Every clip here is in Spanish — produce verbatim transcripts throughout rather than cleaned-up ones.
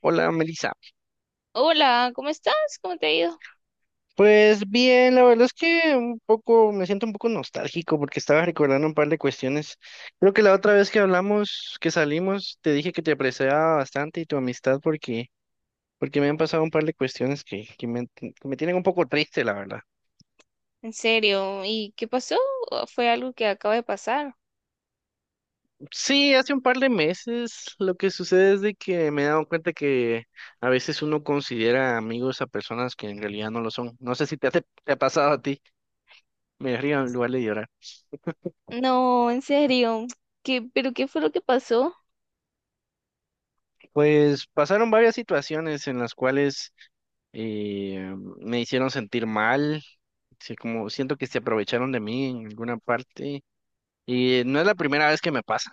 Hola, Melissa. Hola, ¿cómo estás? ¿Cómo te ha ido? Pues bien, la verdad es que un poco me siento un poco nostálgico porque estaba recordando un par de cuestiones. Creo que la otra vez que hablamos, que salimos, te dije que te apreciaba bastante y tu amistad porque porque me han pasado un par de cuestiones que, que me, que me tienen un poco triste, la verdad. ¿En serio? ¿Y qué pasó? ¿O ¿Fue algo que acaba de pasar? Sí, hace un par de meses lo que sucede es de que me he dado cuenta que a veces uno considera amigos a personas que en realidad no lo son. No sé si te, ha- te ha pasado a ti. Me río en lugar de llorar. No, en serio. ¿Qué, pero qué fue lo que pasó? Pues pasaron varias situaciones en las cuales eh, me hicieron sentir mal, sí, como siento que se aprovecharon de mí en alguna parte y no es la primera vez que me pasa.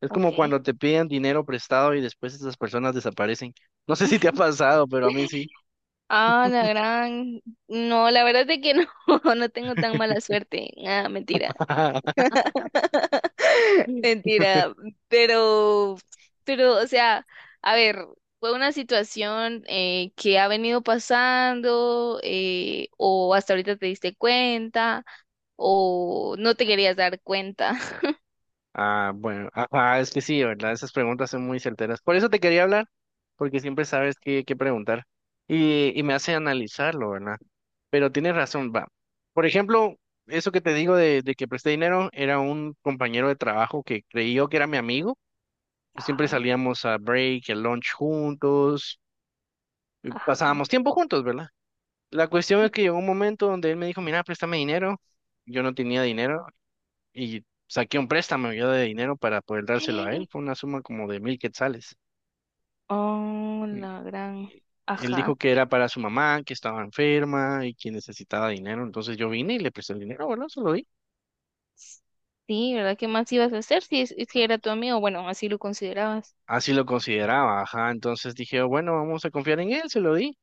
Es Ok. como cuando te piden dinero prestado y después esas personas desaparecen. No sé si te ha pasado, pero a mí sí. Ah, la gran. No, la verdad es que no, no tengo tan mala suerte. Ah, mentira. Mentira, pero, pero, o sea, a ver, fue una situación eh, que ha venido pasando eh, o hasta ahorita te diste cuenta o no te querías dar cuenta. Ah, bueno, ajá, es que sí, ¿verdad? Esas preguntas son muy certeras. Por eso te quería hablar, porque siempre sabes qué, qué preguntar y, y me hace analizarlo, ¿verdad? Pero tienes razón, va. Por ejemplo, eso que te digo de, de que presté dinero era un compañero de trabajo que creí yo que era mi amigo, que siempre Ajá, salíamos a break, el lunch juntos, y ajá. pasábamos tiempo juntos, ¿verdad? La cuestión es que llegó un momento donde él me dijo, mira, préstame dinero. Yo no tenía dinero y saqué un préstamo yo de dinero para poder dárselo a él. Fue una suma como de mil quetzales. Oh, Y- la gran, y Él ajá. dijo que era para su mamá, que estaba enferma y que necesitaba dinero. Entonces yo vine y le presté el dinero, bueno, se lo di. Sí, ¿verdad? ¿Qué más ibas a hacer si es, es que era tu amigo? Bueno, así lo considerabas. Así lo consideraba, ajá. Entonces dije, "Oh, bueno, vamos a confiar en él, se lo di.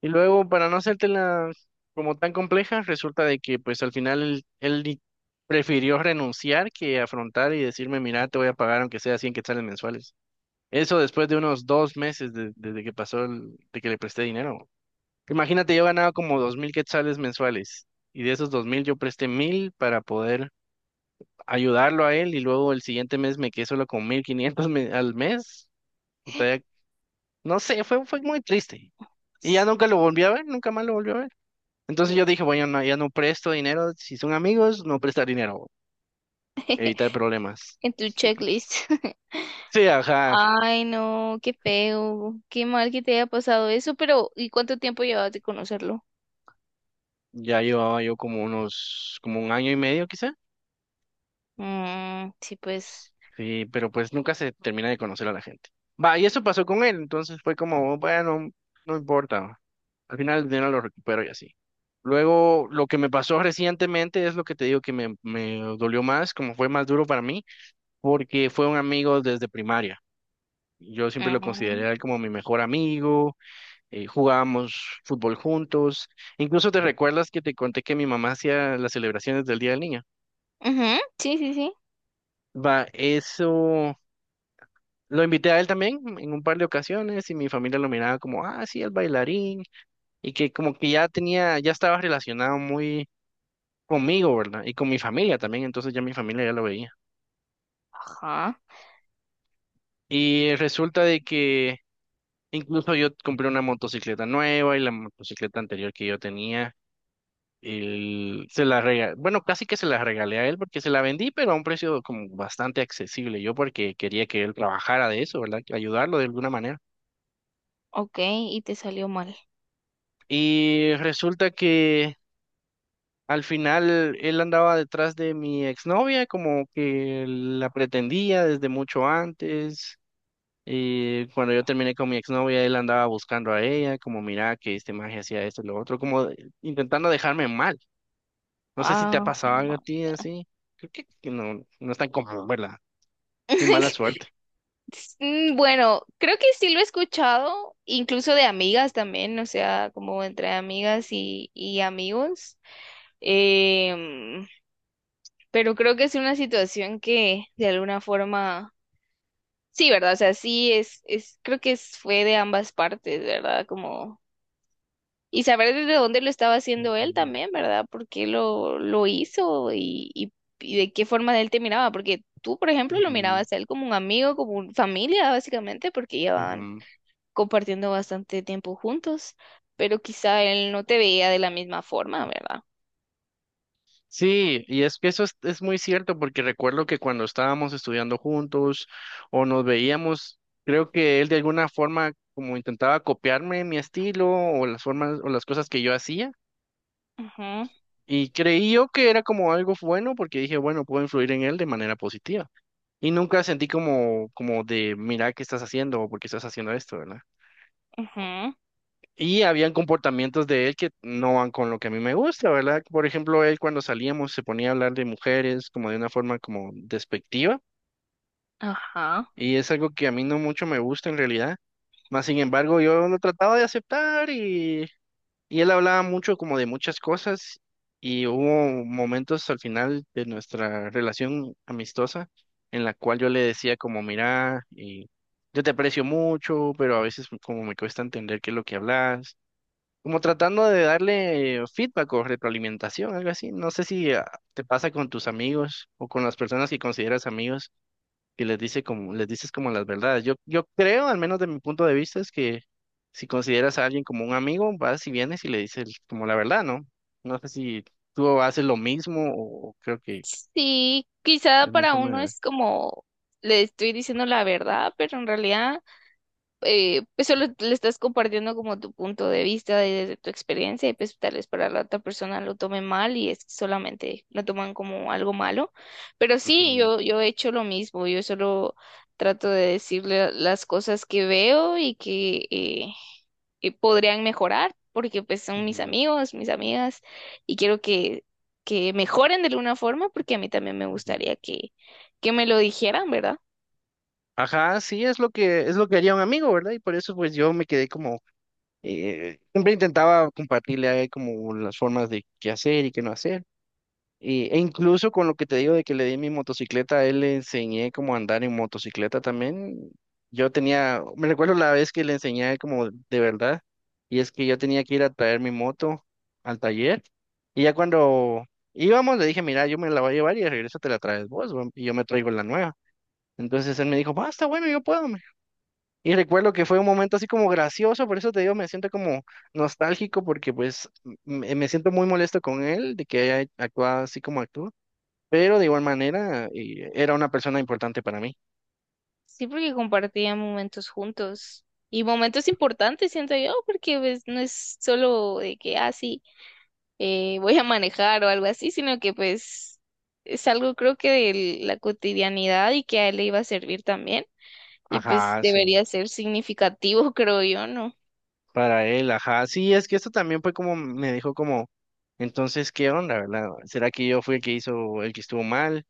Y luego, para no hacértela como tan compleja, resulta de que pues al final él, él di- prefirió renunciar que afrontar y decirme, mira, te voy a pagar aunque sea cien quetzales mensuales. Eso después de unos dos meses de- desde que pasó el- de que le presté dinero. Imagínate, yo ganaba como dos mil quetzales mensuales y de esos dos mil yo presté mil para poder ayudarlo a él y luego el siguiente mes me quedé solo con mil quinientos me- al mes y todavía, no sé, fue, fue muy triste. Y ya nunca lo volví a ver, nunca más lo volví a ver. Entonces yo dije, bueno, no, ya no presto dinero, si son amigos, no prestar dinero, evitar problemas. En tu checklist. Sí, ajá, Ay, no, qué feo, qué mal que te haya pasado eso, pero ¿y cuánto tiempo llevas de conocerlo? ya llevaba yo como unos, como un año y medio quizá. Mm, sí, pues. Sí, pero pues nunca se termina de conocer a la gente. Va, y eso pasó con él, entonces fue como, bueno, no importa. Al final el dinero lo recupero y así. Luego, lo que me pasó recientemente es lo que te digo que me, me dolió más, como fue más duro para mí, porque fue un amigo desde primaria. Yo siempre lo consideré Mm, a él como mi mejor amigo, eh, jugábamos fútbol juntos. Incluso te recuerdas que te conté que mi mamá hacía las celebraciones del Día del Niño. ujú, sí, sí, sí. Va, eso lo invité a él también en un par de ocasiones y mi familia lo miraba como, ah, sí, el bailarín, y que como que ya tenía, ya estaba relacionado muy conmigo, ¿verdad? Y con mi familia también, entonces ya mi familia ya lo veía. Ajá, Y resulta de que incluso yo compré una motocicleta nueva y la motocicleta anterior que yo tenía, él se la regalé, bueno, casi que se la regalé a él porque se la vendí, pero a un precio como bastante accesible, yo porque quería que él trabajara de eso, ¿verdad? Ayudarlo de alguna manera. ok, y te salió mal. Y resulta que al final él andaba detrás de mi exnovia, como que la pretendía desde mucho antes. Y cuando yo terminé con mi exnovia, él andaba buscando a ella, como mira que este magia hacía esto y lo otro, como de- intentando dejarme mal. No sé si Ah, te ha pasado algo a ma- ti así. Creo que, que no, no es tan común, ¿verdad? Mi mala suerte. Mm, Bueno, creo que sí lo he escuchado, incluso de amigas también, o sea, como entre amigas y, y amigos. Em, pero creo que es una situación que de alguna forma sí, ¿verdad? O sea, sí es, es, creo que es- fue de ambas partes, ¿verdad? Como, y saber desde dónde lo estaba haciendo él Ujú, también, ¿verdad? ¿Por qué lo, lo hizo y, y, y de qué forma él te miraba? Porque tú, por ejemplo, lo ujú, mirabas a él como un amigo, como una familia, básicamente, porque llevaban ujú. compartiendo bastante tiempo juntos, pero quizá él no te veía de la misma forma, ¿verdad? Sí, y es que eso es, es muy cierto, porque recuerdo que cuando estábamos estudiando juntos o nos veíamos, creo que él de alguna forma como intentaba copiarme mi estilo o las formas o las cosas que yo hacía, Ajá, y creí yo que era como algo bueno, porque dije, bueno, puedo influir en él de manera positiva. Y nunca sentí como, como de, mira, ¿qué estás haciendo? O ¿por qué estás haciendo esto?, ¿verdad? ajá, Y habían comportamientos de él que no van con lo que a mí me gusta, ¿verdad? Por ejemplo, él cuando salíamos se ponía a hablar de mujeres como de una forma como despectiva ajá. y es algo que a mí no mucho me gusta en realidad. Más sin embargo, yo lo trataba de aceptar y, y él hablaba mucho como de muchas cosas y hubo momentos al final de nuestra relación amistosa en la cual yo le decía como, mira, y yo te aprecio mucho, pero a veces como me cuesta entender qué es lo que hablas como tratando de darle feedback o retroalimentación, algo así. No sé si ah, te pasa con tus amigos o con las personas que consideras amigos que les dice como, les dices como las verdades. Yo, yo creo, al menos de mi punto de vista, es que si consideras a alguien como un amigo, vas y vienes y le dices como la verdad, ¿no? No sé si tú haces lo mismo o o creo que Sí, quizá es mi para forma de uno ver. es como, le estoy diciendo la verdad, pero en realidad. Eh, pues solo le estás compartiendo como tu punto de vista y desde tu experiencia y pues tal vez para la otra persona lo tome mal y es que solamente lo toman como algo malo. Pero sí, Ujú, yo, yo he hecho lo mismo, yo solo trato de decirle las cosas que veo y que, eh, que podrían mejorar porque pues son mis ujú, amigos, mis amigas y quiero que, que mejoren de alguna forma porque a mí también me ujú. gustaría que, que me lo dijeran, ¿verdad? Ajá, sí, es lo que es lo que haría un amigo, ¿verdad? Y por eso pues yo me quedé como eh, siempre intentaba compartirle a él como las formas de qué hacer y qué no hacer. Y- e incluso con lo que te digo de que le di mi motocicleta, a él le enseñé cómo andar en motocicleta también. Yo tenía, me recuerdo la vez que le enseñé a él como de verdad, y es que yo tenía que ir a traer mi moto al taller. Y ya cuando íbamos le dije, mira, yo me la voy a llevar y de regreso te la traes vos, va, y yo me traigo la nueva. Entonces él me dijo, basta, bueno, yo puedo. Y recuerdo que fue un momento así como gracioso, por eso te digo, me siento como nostálgico porque pues me, me siento muy molesto con él de que haya actuado así como actuó, pero de igual manera eh, era una persona importante para mí. Sí, porque compartían momentos juntos y momentos importantes, siento yo, porque pues no es solo de que, ah, sí, eh, voy a manejar o algo así, sino que pues es algo creo que de la cotidianidad y que a él le iba a servir también y pues Ajá, sí, debería ser significativo, creo yo, ¿no? para él, ajá. Sí, es que esto también fue como me dijo como, entonces, ¿qué onda, verdad? ¿Será que yo fui el que hizo, el que estuvo mal?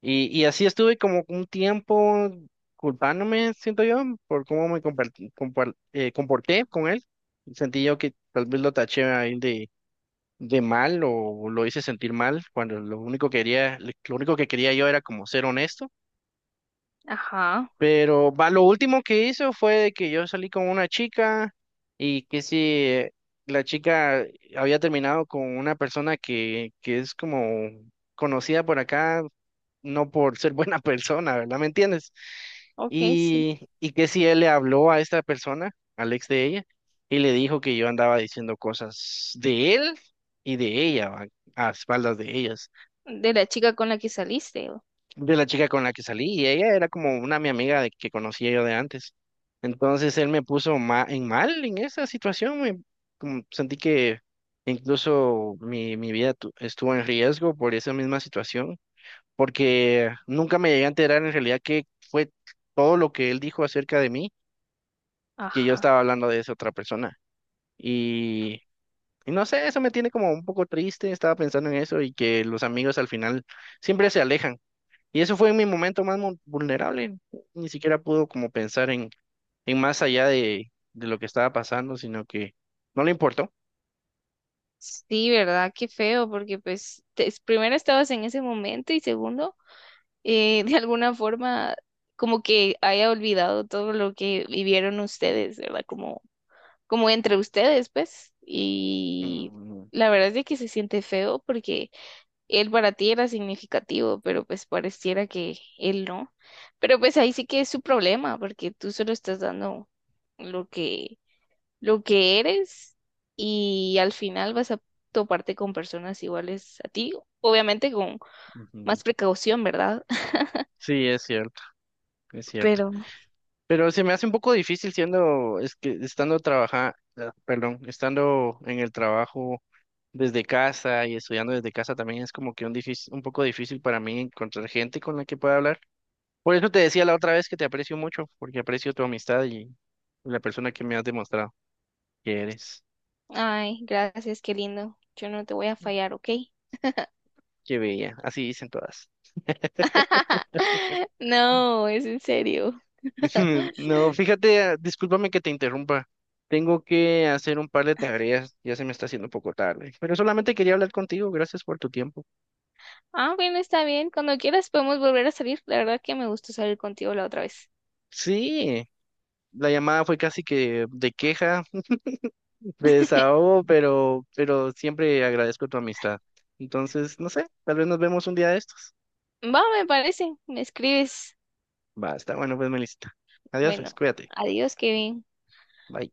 Y, y así estuve como un tiempo culpándome, siento yo, por cómo me compartí- compar- eh, comporté con él. Sentí yo que tal vez lo taché ahí de, de mal o lo hice sentir mal, cuando lo único que quería, lo único que quería yo era como ser honesto. Ajá, Pero va, lo último que hizo fue que yo salí con una chica y que si la chica había terminado con una persona que, que es como conocida por acá, no por ser buena persona, ¿verdad? ¿Me entiendes? ok, sí. Y, y que si él le habló a esta persona, al ex de ella, y le dijo que yo andaba diciendo cosas de él y de ella, ¿va?, a espaldas de ellas, De la chica con la que saliste. o- de la chica con la que salí, y ella era como una mi amiga de, que conocía yo de antes. Entonces él me puso ma- en mal en esa situación, me- como sentí que incluso mi, mi vida tu- estuvo en riesgo por esa misma situación porque nunca me llegué a enterar en realidad que fue todo lo que él dijo acerca de mí, que yo Ajá. estaba hablando de esa otra persona. Y, y no sé, eso me tiene como un poco triste, estaba pensando en eso y que los amigos al final siempre se alejan. Y eso fue mi momento más mu- vulnerable, ni siquiera pudo como pensar en, en más allá de, de lo que estaba pasando, sino que no le importó. Sí, ¿verdad? Qué feo, porque pues te- es- primero estabas en ese momento y segundo, eh, de alguna forma como que haya olvidado todo lo que vivieron ustedes, ¿verdad? Como, como entre ustedes, pues. Y Mm, la verdad es de que se siente feo porque él para ti era significativo, pero pues pareciera que él no. Pero pues ahí sí que es su problema, porque tú solo estás dando lo que lo que eres y al final vas a toparte con personas iguales a ti, obviamente con ujú. más precaución, ¿verdad? Sí, es cierto, es cierto. Pero, Pero se me hace un poco difícil siendo, es que estando trabaja, ah, perdón, estando en el trabajo desde casa y estudiando desde casa también es como que un difícil, un poco difícil para mí encontrar gente con la que pueda hablar. Por eso te decía la otra vez que te aprecio mucho, porque aprecio tu amistad y la persona que me has demostrado que eres. Ay, gracias, qué lindo. Yo no te voy a fallar, ¿ok? Qué bella, así dicen todas. No, es en serio. No, fíjate, ah, discúlpame que te interrumpa. Tengo que hacer un par de tareas, ya se me está haciendo un poco tarde, pero solamente quería hablar contigo, gracias por tu tiempo. Ah, bueno, está bien. Cuando quieras podemos volver a salir. La verdad que me gustó salir contigo la otra vez. Sí, la llamada fue casi que de queja, de desahogo, pero, pero siempre agradezco tu amistad. Entonces, no sé, tal vez nos vemos un día de estos. Va, me parece. Me escribes. Va, está bueno, pues, Melissa. Adiós, pues, Bueno, cuídate. adiós, Kevin. Bye.